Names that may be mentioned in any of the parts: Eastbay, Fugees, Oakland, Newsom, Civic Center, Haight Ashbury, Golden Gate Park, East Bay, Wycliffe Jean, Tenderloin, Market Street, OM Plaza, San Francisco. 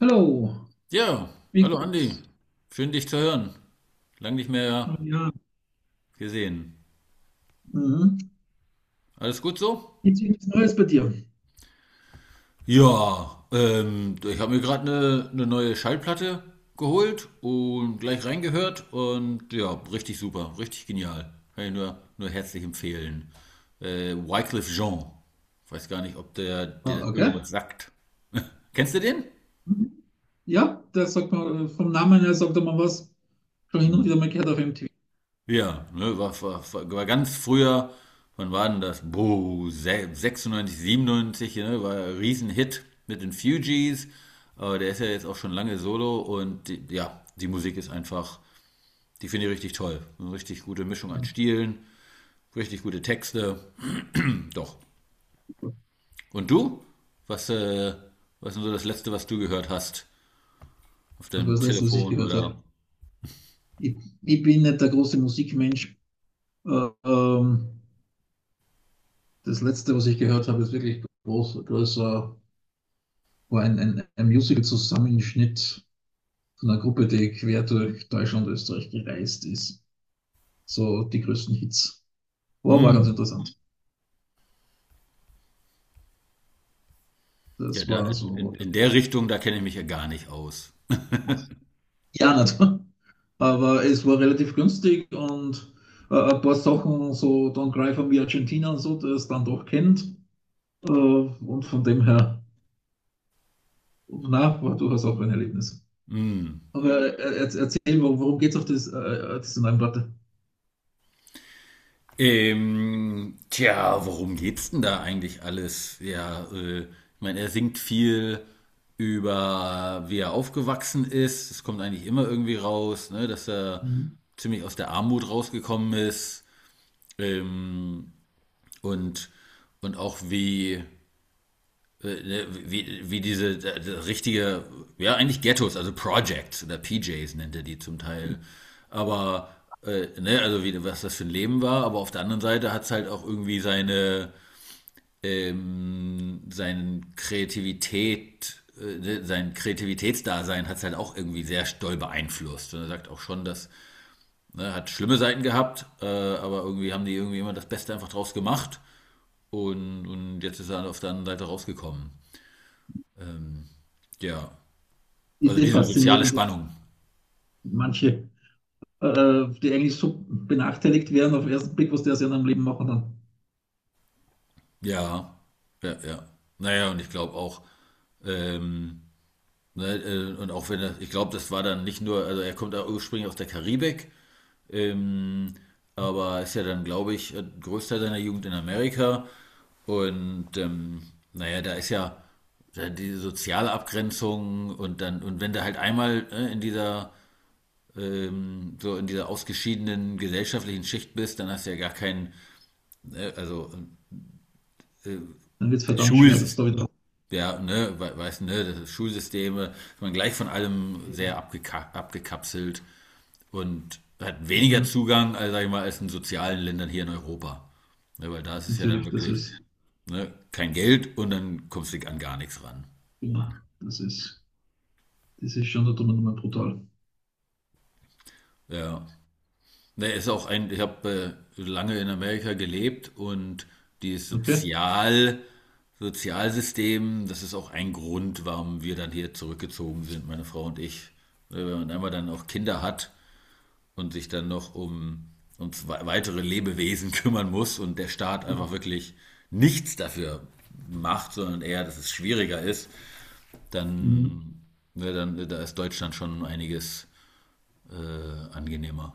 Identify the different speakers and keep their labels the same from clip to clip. Speaker 1: Hallo,
Speaker 2: Ja,
Speaker 1: wie
Speaker 2: hallo Andi.
Speaker 1: geht's?
Speaker 2: Schön dich zu hören. Lang nicht
Speaker 1: Oh
Speaker 2: mehr
Speaker 1: ja.
Speaker 2: gesehen.
Speaker 1: Mhm.
Speaker 2: Alles gut so?
Speaker 1: Gibt's nichts Neues bei dir?
Speaker 2: Ja, ich habe mir gerade eine neue Schallplatte geholt und gleich reingehört und ja, richtig super, richtig genial. Kann ich nur herzlich empfehlen. Wycliffe Jean. Weiß gar nicht, ob der dir
Speaker 1: Ah,
Speaker 2: das
Speaker 1: okay.
Speaker 2: irgendwas sagt. Kennst du den?
Speaker 1: Mhm. Ja, da sagt man, vom Namen her sagt man was, schon hin und wieder mal gehört auf MTV.
Speaker 2: Ja, ne, war ganz früher, wann war denn das? Boah, 96, 97, ne, war ein Riesenhit mit den Fugees, aber der ist ja jetzt auch schon lange solo und die, ja, die Musik ist einfach, die finde ich richtig toll. Eine richtig gute Mischung an Stilen, richtig gute Texte, doch. Und du? Was, was ist denn so das Letzte, was du gehört hast auf
Speaker 1: Das war
Speaker 2: deinem
Speaker 1: das Letzte, was ich
Speaker 2: Telefon
Speaker 1: gehört habe.
Speaker 2: oder?
Speaker 1: Ich, ich bin nicht der große Musikmensch. Äh, ähm, das Letzte, was ich gehört habe, ist wirklich groß, größer, war ein Musical-Zusammenschnitt von einer Gruppe, die quer durch Deutschland und Österreich gereist ist. So die größten Hits. War ganz
Speaker 2: Hm,
Speaker 1: interessant.
Speaker 2: ja,
Speaker 1: Das
Speaker 2: da,
Speaker 1: war so,
Speaker 2: in der Richtung, da kenne ich mich ja gar nicht aus.
Speaker 1: ja, nicht. Aber es war relativ günstig und ein paar Sachen, so Don Greifer wie Argentina und so, der es dann doch kennt. Und von dem her, na, war durchaus auch ein Erlebnis.
Speaker 2: Hm.
Speaker 1: Aber erzähl, worum, geht es auf das, diese neuen Platte?
Speaker 2: Tja, worum geht's denn da eigentlich alles? Ja, ich meine, er singt viel über, wie er aufgewachsen ist. Es kommt eigentlich immer irgendwie raus, ne, dass er
Speaker 1: Mhm.
Speaker 2: ziemlich aus der Armut rausgekommen ist. Ähm, und, und auch wie, ne, wie diese richtige, ja, eigentlich Ghettos, also Projects oder PJs nennt er die zum Teil. Aber, ne, also wie, was das für ein Leben war, aber auf der anderen Seite hat es halt auch irgendwie seine, seine Kreativität, ne, sein Kreativitätsdasein hat es halt auch irgendwie sehr doll beeinflusst. Und er sagt auch schon, dass, ne, hat schlimme Seiten gehabt, aber irgendwie haben die irgendwie immer das Beste einfach draus gemacht. Und jetzt ist er halt auf der anderen Seite rausgekommen. Ähm, ja,
Speaker 1: Ist
Speaker 2: also
Speaker 1: eh
Speaker 2: diese soziale
Speaker 1: faszinierend, dass
Speaker 2: Spannung.
Speaker 1: manche, die eigentlich so benachteiligt werden auf den ersten Blick, was die aus ihrem Leben machen,
Speaker 2: Ja, ja, ja. Naja, und ich glaube auch, ähm, ne, und auch wenn er, ich glaube, das war dann nicht nur, also er kommt auch ursprünglich aus der Karibik, ähm, aber ist ja dann, glaube ich, größter seiner Jugend in Amerika. Und naja, da ist ja da diese soziale Abgrenzung und dann, und wenn du halt einmal in dieser so in dieser ausgeschiedenen gesellschaftlichen Schicht bist, dann hast du ja gar keinen ne, also
Speaker 1: dann wird es verdammt
Speaker 2: Schul,
Speaker 1: schwer, das da wieder.
Speaker 2: ja, ne, weißt du, ne, das ist Schulsysteme, ist man gleich von allem sehr abgekapselt und hat weniger
Speaker 1: Mhm.
Speaker 2: Zugang, als, sag ich mal, als in sozialen Ländern hier in Europa. Ne, weil da ist es ja dann
Speaker 1: Natürlich, das
Speaker 2: wirklich,
Speaker 1: ist,
Speaker 2: ne, kein Geld und dann kommst du an gar nichts ran.
Speaker 1: ja, das ist. Das ist schon da drüben nochmal brutal.
Speaker 2: Ja. Ne, ist auch ein, ich habe lange in Amerika gelebt und dieses
Speaker 1: Okay?
Speaker 2: Sozial, Sozialsystem, das ist auch ein Grund, warum wir dann hier zurückgezogen sind, meine Frau und ich. Wenn man einmal dann auch Kinder hat und sich dann noch um, um weitere Lebewesen kümmern muss und der Staat einfach wirklich nichts dafür macht, sondern eher, dass es schwieriger ist,
Speaker 1: Mhm.
Speaker 2: dann, ne, dann da ist Deutschland schon einiges angenehmer.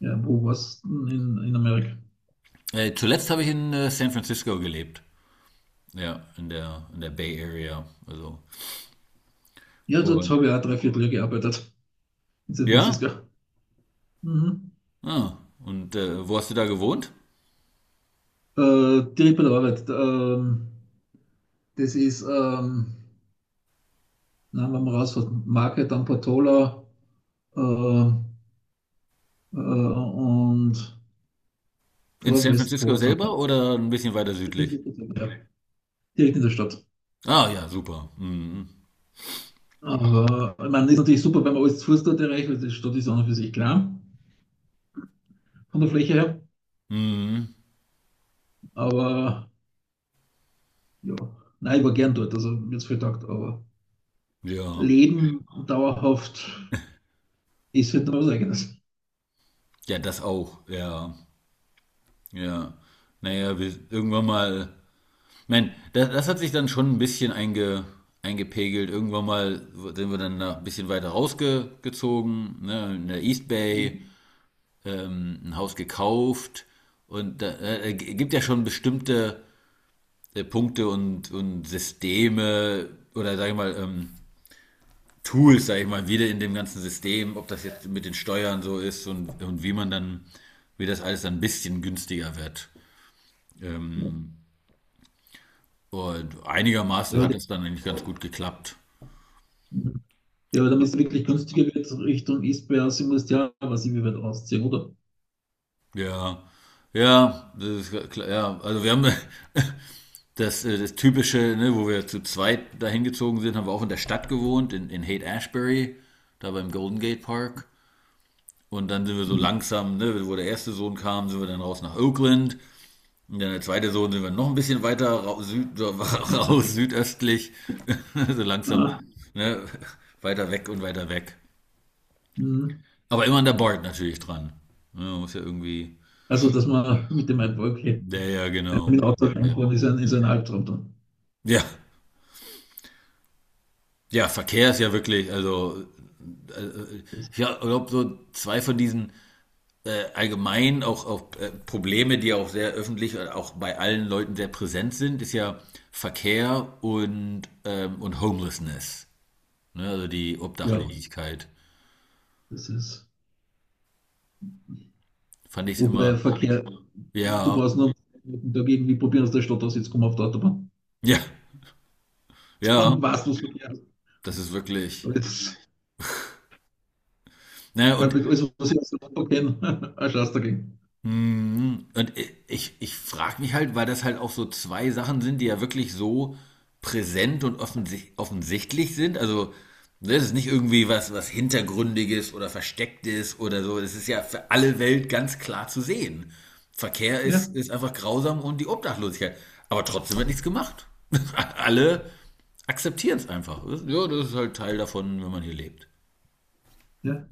Speaker 1: Ja, wo warst du in Amerika?
Speaker 2: Zuletzt habe ich in San Francisco gelebt. Ja, in der Bay Area. Also.
Speaker 1: Ja, dort
Speaker 2: Und,
Speaker 1: habe ich auch drei Vierteljahr gearbeitet. In San
Speaker 2: ja?
Speaker 1: Francisco. Mhm.
Speaker 2: Ah, und wo hast du da gewohnt?
Speaker 1: Die Rippe der Arbeit. Das ist, nein, wenn man rausfährt, Market am Portola äh, und
Speaker 2: In
Speaker 1: vor
Speaker 2: San Francisco
Speaker 1: Westport. Ja,
Speaker 2: selber oder ein bisschen weiter südlich?
Speaker 1: direkt in der Stadt.
Speaker 2: Ah, ja, super. Mhm.
Speaker 1: Aber ich meine, das ist natürlich super, wenn man alles zu Fuß dort erreicht, weil die Stadt ist an und für sich klein von der Fläche her.
Speaker 2: Mhm.
Speaker 1: Aber ja, nein, ich war gern dort, also mir hat's viel taugt, aber
Speaker 2: Ja.
Speaker 1: Leben dauerhaft ist halt dann was Eigenes.
Speaker 2: Ja, das auch. Ja. Ja. Naja, wir, irgendwann mal. Man, das hat sich dann schon ein bisschen eingepegelt. Irgendwann mal sind wir dann nach, ein bisschen weiter rausgezogen, ne, in der East
Speaker 1: Ja,
Speaker 2: Bay. Ein Haus gekauft und gibt ja schon bestimmte Punkte und Systeme oder sag ich mal, Tools, sag ich mal, wieder in dem ganzen System, ob das jetzt mit den Steuern so ist und wie man dann, wie das alles dann ein bisschen günstiger wird. Ähm, und einigermaßen
Speaker 1: ja,
Speaker 2: hat
Speaker 1: die-
Speaker 2: es dann eigentlich ganz gut geklappt.
Speaker 1: ja, damit es wirklich günstiger wird Richtung Eastbay, sie muss ja, was ich wie weit rausziehen, oder?
Speaker 2: Ja. Ja, das ist klar, ja, also wir haben Das, das typische, ne, wo wir zu zweit dahin gezogen sind, haben wir auch in der Stadt gewohnt, in Haight Ashbury, da beim Golden Gate Park. Und dann sind wir so langsam, ne, wo der erste Sohn kam, sind wir dann raus nach Oakland. Und dann der zweite Sohn sind wir noch ein bisschen weiter raus, süd, so, raus südöstlich, so langsam
Speaker 1: Ah,
Speaker 2: ne, weiter weg und weiter weg.
Speaker 1: mhm.
Speaker 2: Aber immer an der Board natürlich dran. Ja, man muss ja irgendwie.
Speaker 1: Also, dass man mit dem okay,
Speaker 2: Ja, ja,
Speaker 1: mit
Speaker 2: genau.
Speaker 1: dem Auto
Speaker 2: Ja.
Speaker 1: reinfahren ist ist ein Albtraum dann.
Speaker 2: ja, ja, Verkehr ist ja wirklich, also
Speaker 1: Das,
Speaker 2: Ja, ich glaube, so zwei von diesen allgemein auch, auch Probleme, die auch sehr öffentlich und auch bei allen Leuten sehr präsent sind, ist ja Verkehr und Homelessness. Ne? Also die
Speaker 1: ja,
Speaker 2: Obdachlosigkeit.
Speaker 1: das ist.
Speaker 2: Fand ich es
Speaker 1: Wobei
Speaker 2: immer,
Speaker 1: Verkehr, du brauchst
Speaker 2: ja,
Speaker 1: noch dagegen, irgendwie probieren aus der Stadt aus jetzt auszukommen auf der Autobahn.
Speaker 2: ja, ja,
Speaker 1: Dann weißt du, was.
Speaker 2: das ist wirklich. Ne?
Speaker 1: Weil
Speaker 2: Und
Speaker 1: bei alles, was ich aus der Lotto kenne, ein Schatz dagegen.
Speaker 2: Mhm. Und ich, ich frage mich halt, weil das halt auch so zwei Sachen sind, die ja wirklich so präsent und offensichtlich sind. Also, das ist nicht irgendwie was, was Hintergründiges oder Verstecktes oder so. Das ist ja für alle Welt ganz klar zu sehen. Verkehr
Speaker 1: Ja,
Speaker 2: ist, ist einfach grausam und die Obdachlosigkeit. Aber trotzdem wird nichts gemacht. Alle akzeptieren es einfach. Das- Ja, das ist halt Teil davon, wenn man hier lebt.
Speaker 1: ja.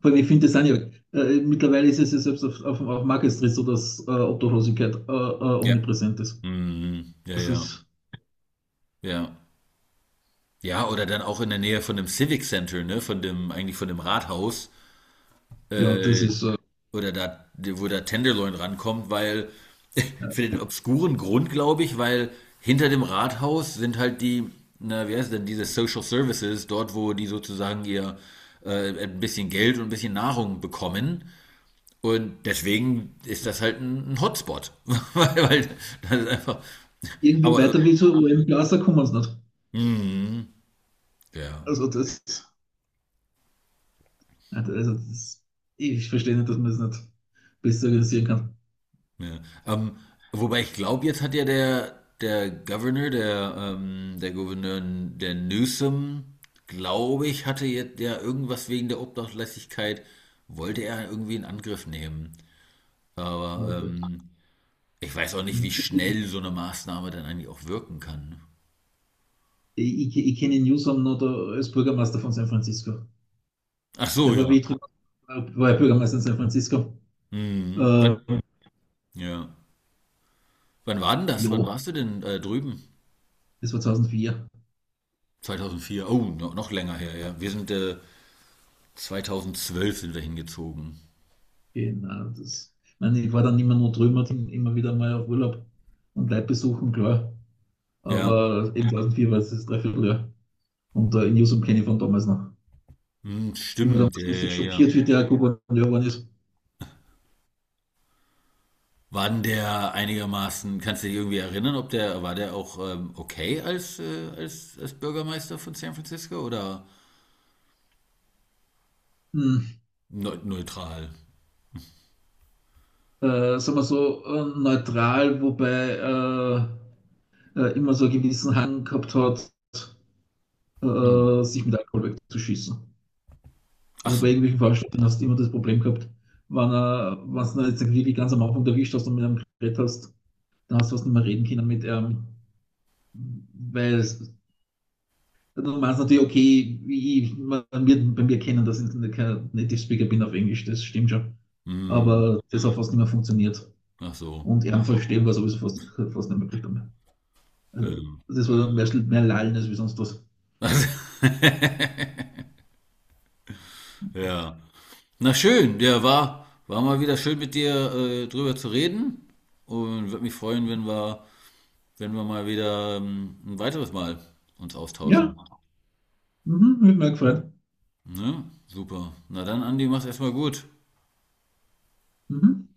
Speaker 1: Vor allem, ich finde das auch nicht. Mittlerweile ist es ja selbst auf, auf Market Street so, dass Obdachlosigkeit
Speaker 2: Ja.
Speaker 1: omnipräsent ist.
Speaker 2: Mhm. Ja,
Speaker 1: Das
Speaker 2: ja.
Speaker 1: ist,
Speaker 2: Ja. Ja, oder dann auch in der Nähe von dem Civic Center, ne, von dem, eigentlich von dem Rathaus,
Speaker 1: ja, das
Speaker 2: äh,
Speaker 1: ist
Speaker 2: oder da, wo der Tenderloin rankommt, weil, für
Speaker 1: ja.
Speaker 2: den obskuren Grund, glaube ich, weil hinter dem Rathaus sind halt die, na, wie heißt denn, diese Social Services, dort, wo die sozusagen ihr ein bisschen Geld und ein bisschen Nahrung bekommen. Und deswegen ist das halt ein Hotspot. weil, weil das ist einfach.
Speaker 1: Irgendwie
Speaker 2: Aber,
Speaker 1: weiter wie zu OM Plaza kommen sie nicht.
Speaker 2: mm, ja.
Speaker 1: Also das, also das, ich verstehe nicht, dass man es das nicht besser organisieren kann.
Speaker 2: Ja. Ähm, wobei ich glaube, jetzt hat ja der Governor, der, der Gouverneur, der Newsom, glaube ich, hatte jetzt ja irgendwas wegen der Obdachlosigkeit, wollte er irgendwie in Angriff nehmen. Aber
Speaker 1: Wollte.
Speaker 2: ich weiß auch nicht, wie schnell so eine Maßnahme dann eigentlich auch wirken kann.
Speaker 1: Ich kenne Newsom noch da als Bürgermeister von San Francisco.
Speaker 2: Ach so,
Speaker 1: Der war wie
Speaker 2: ja.
Speaker 1: ich drüber, war ja Bürgermeister in San Francisco.
Speaker 2: Mhm.
Speaker 1: Äh,
Speaker 2: Wann, ja. Wann war denn das? Wann
Speaker 1: ja,
Speaker 2: warst du denn drüben?
Speaker 1: das war 2004.
Speaker 2: 2004 Oh, no, noch länger her, ja. Wir sind 2012 sind wir hingezogen.
Speaker 1: Genau. Das, ich, meine, ich war dann immer nur drüben, immer wieder mal auf Urlaub und Leute besuchen, klar.
Speaker 2: Ja.
Speaker 1: Aber eben 2004 war es das Dreivierteljahr. Und in Newsom kenne ich von damals noch.
Speaker 2: Hm,
Speaker 1: Ich war
Speaker 2: stimmt, ja,
Speaker 1: damals
Speaker 2: ja,
Speaker 1: richtig
Speaker 2: ja.
Speaker 1: schockiert, wie der Gouverneur geworden ist.
Speaker 2: War denn der einigermaßen, kannst du dich irgendwie erinnern, ob der, war der auch okay als, als, als Bürgermeister von San Francisco oder
Speaker 1: Hm,
Speaker 2: neutral?
Speaker 1: sagen wir so, neutral, wobei immer so einen gewissen Hang gehabt hat,
Speaker 2: Hm.
Speaker 1: sich mit Alkohol wegzuschießen.
Speaker 2: Ach
Speaker 1: Also bei
Speaker 2: so.
Speaker 1: irgendwelchen Veranstaltungen hast du immer das Problem gehabt, wenn, wenn du jetzt wirklich ganz am Anfang erwischt hast und mit einem Gerät hast, da hast du was nicht mehr reden können mit, weil es- du meinst natürlich, okay, ich, man wird bei mir kennen, dass ich nicht kein Native Speaker bin auf Englisch, das stimmt schon.
Speaker 2: Hm.
Speaker 1: Aber das hat fast nicht mehr funktioniert.
Speaker 2: Ach so.
Speaker 1: Und er verstehen war sowieso fast nicht möglich damit.
Speaker 2: Ja.
Speaker 1: Also, das war mehr Lallen als wie sonst was.
Speaker 2: Also, ja. Na schön, der war, war mal wieder schön mit dir drüber zu reden und würde mich freuen, wenn wir, wenn wir mal wieder ein weiteres Mal uns
Speaker 1: Ja,
Speaker 2: austauschen.
Speaker 1: mhm, hat mir gefreut.
Speaker 2: Ne? Super. Na dann, Andi, mach's erstmal gut.
Speaker 1: Mhm.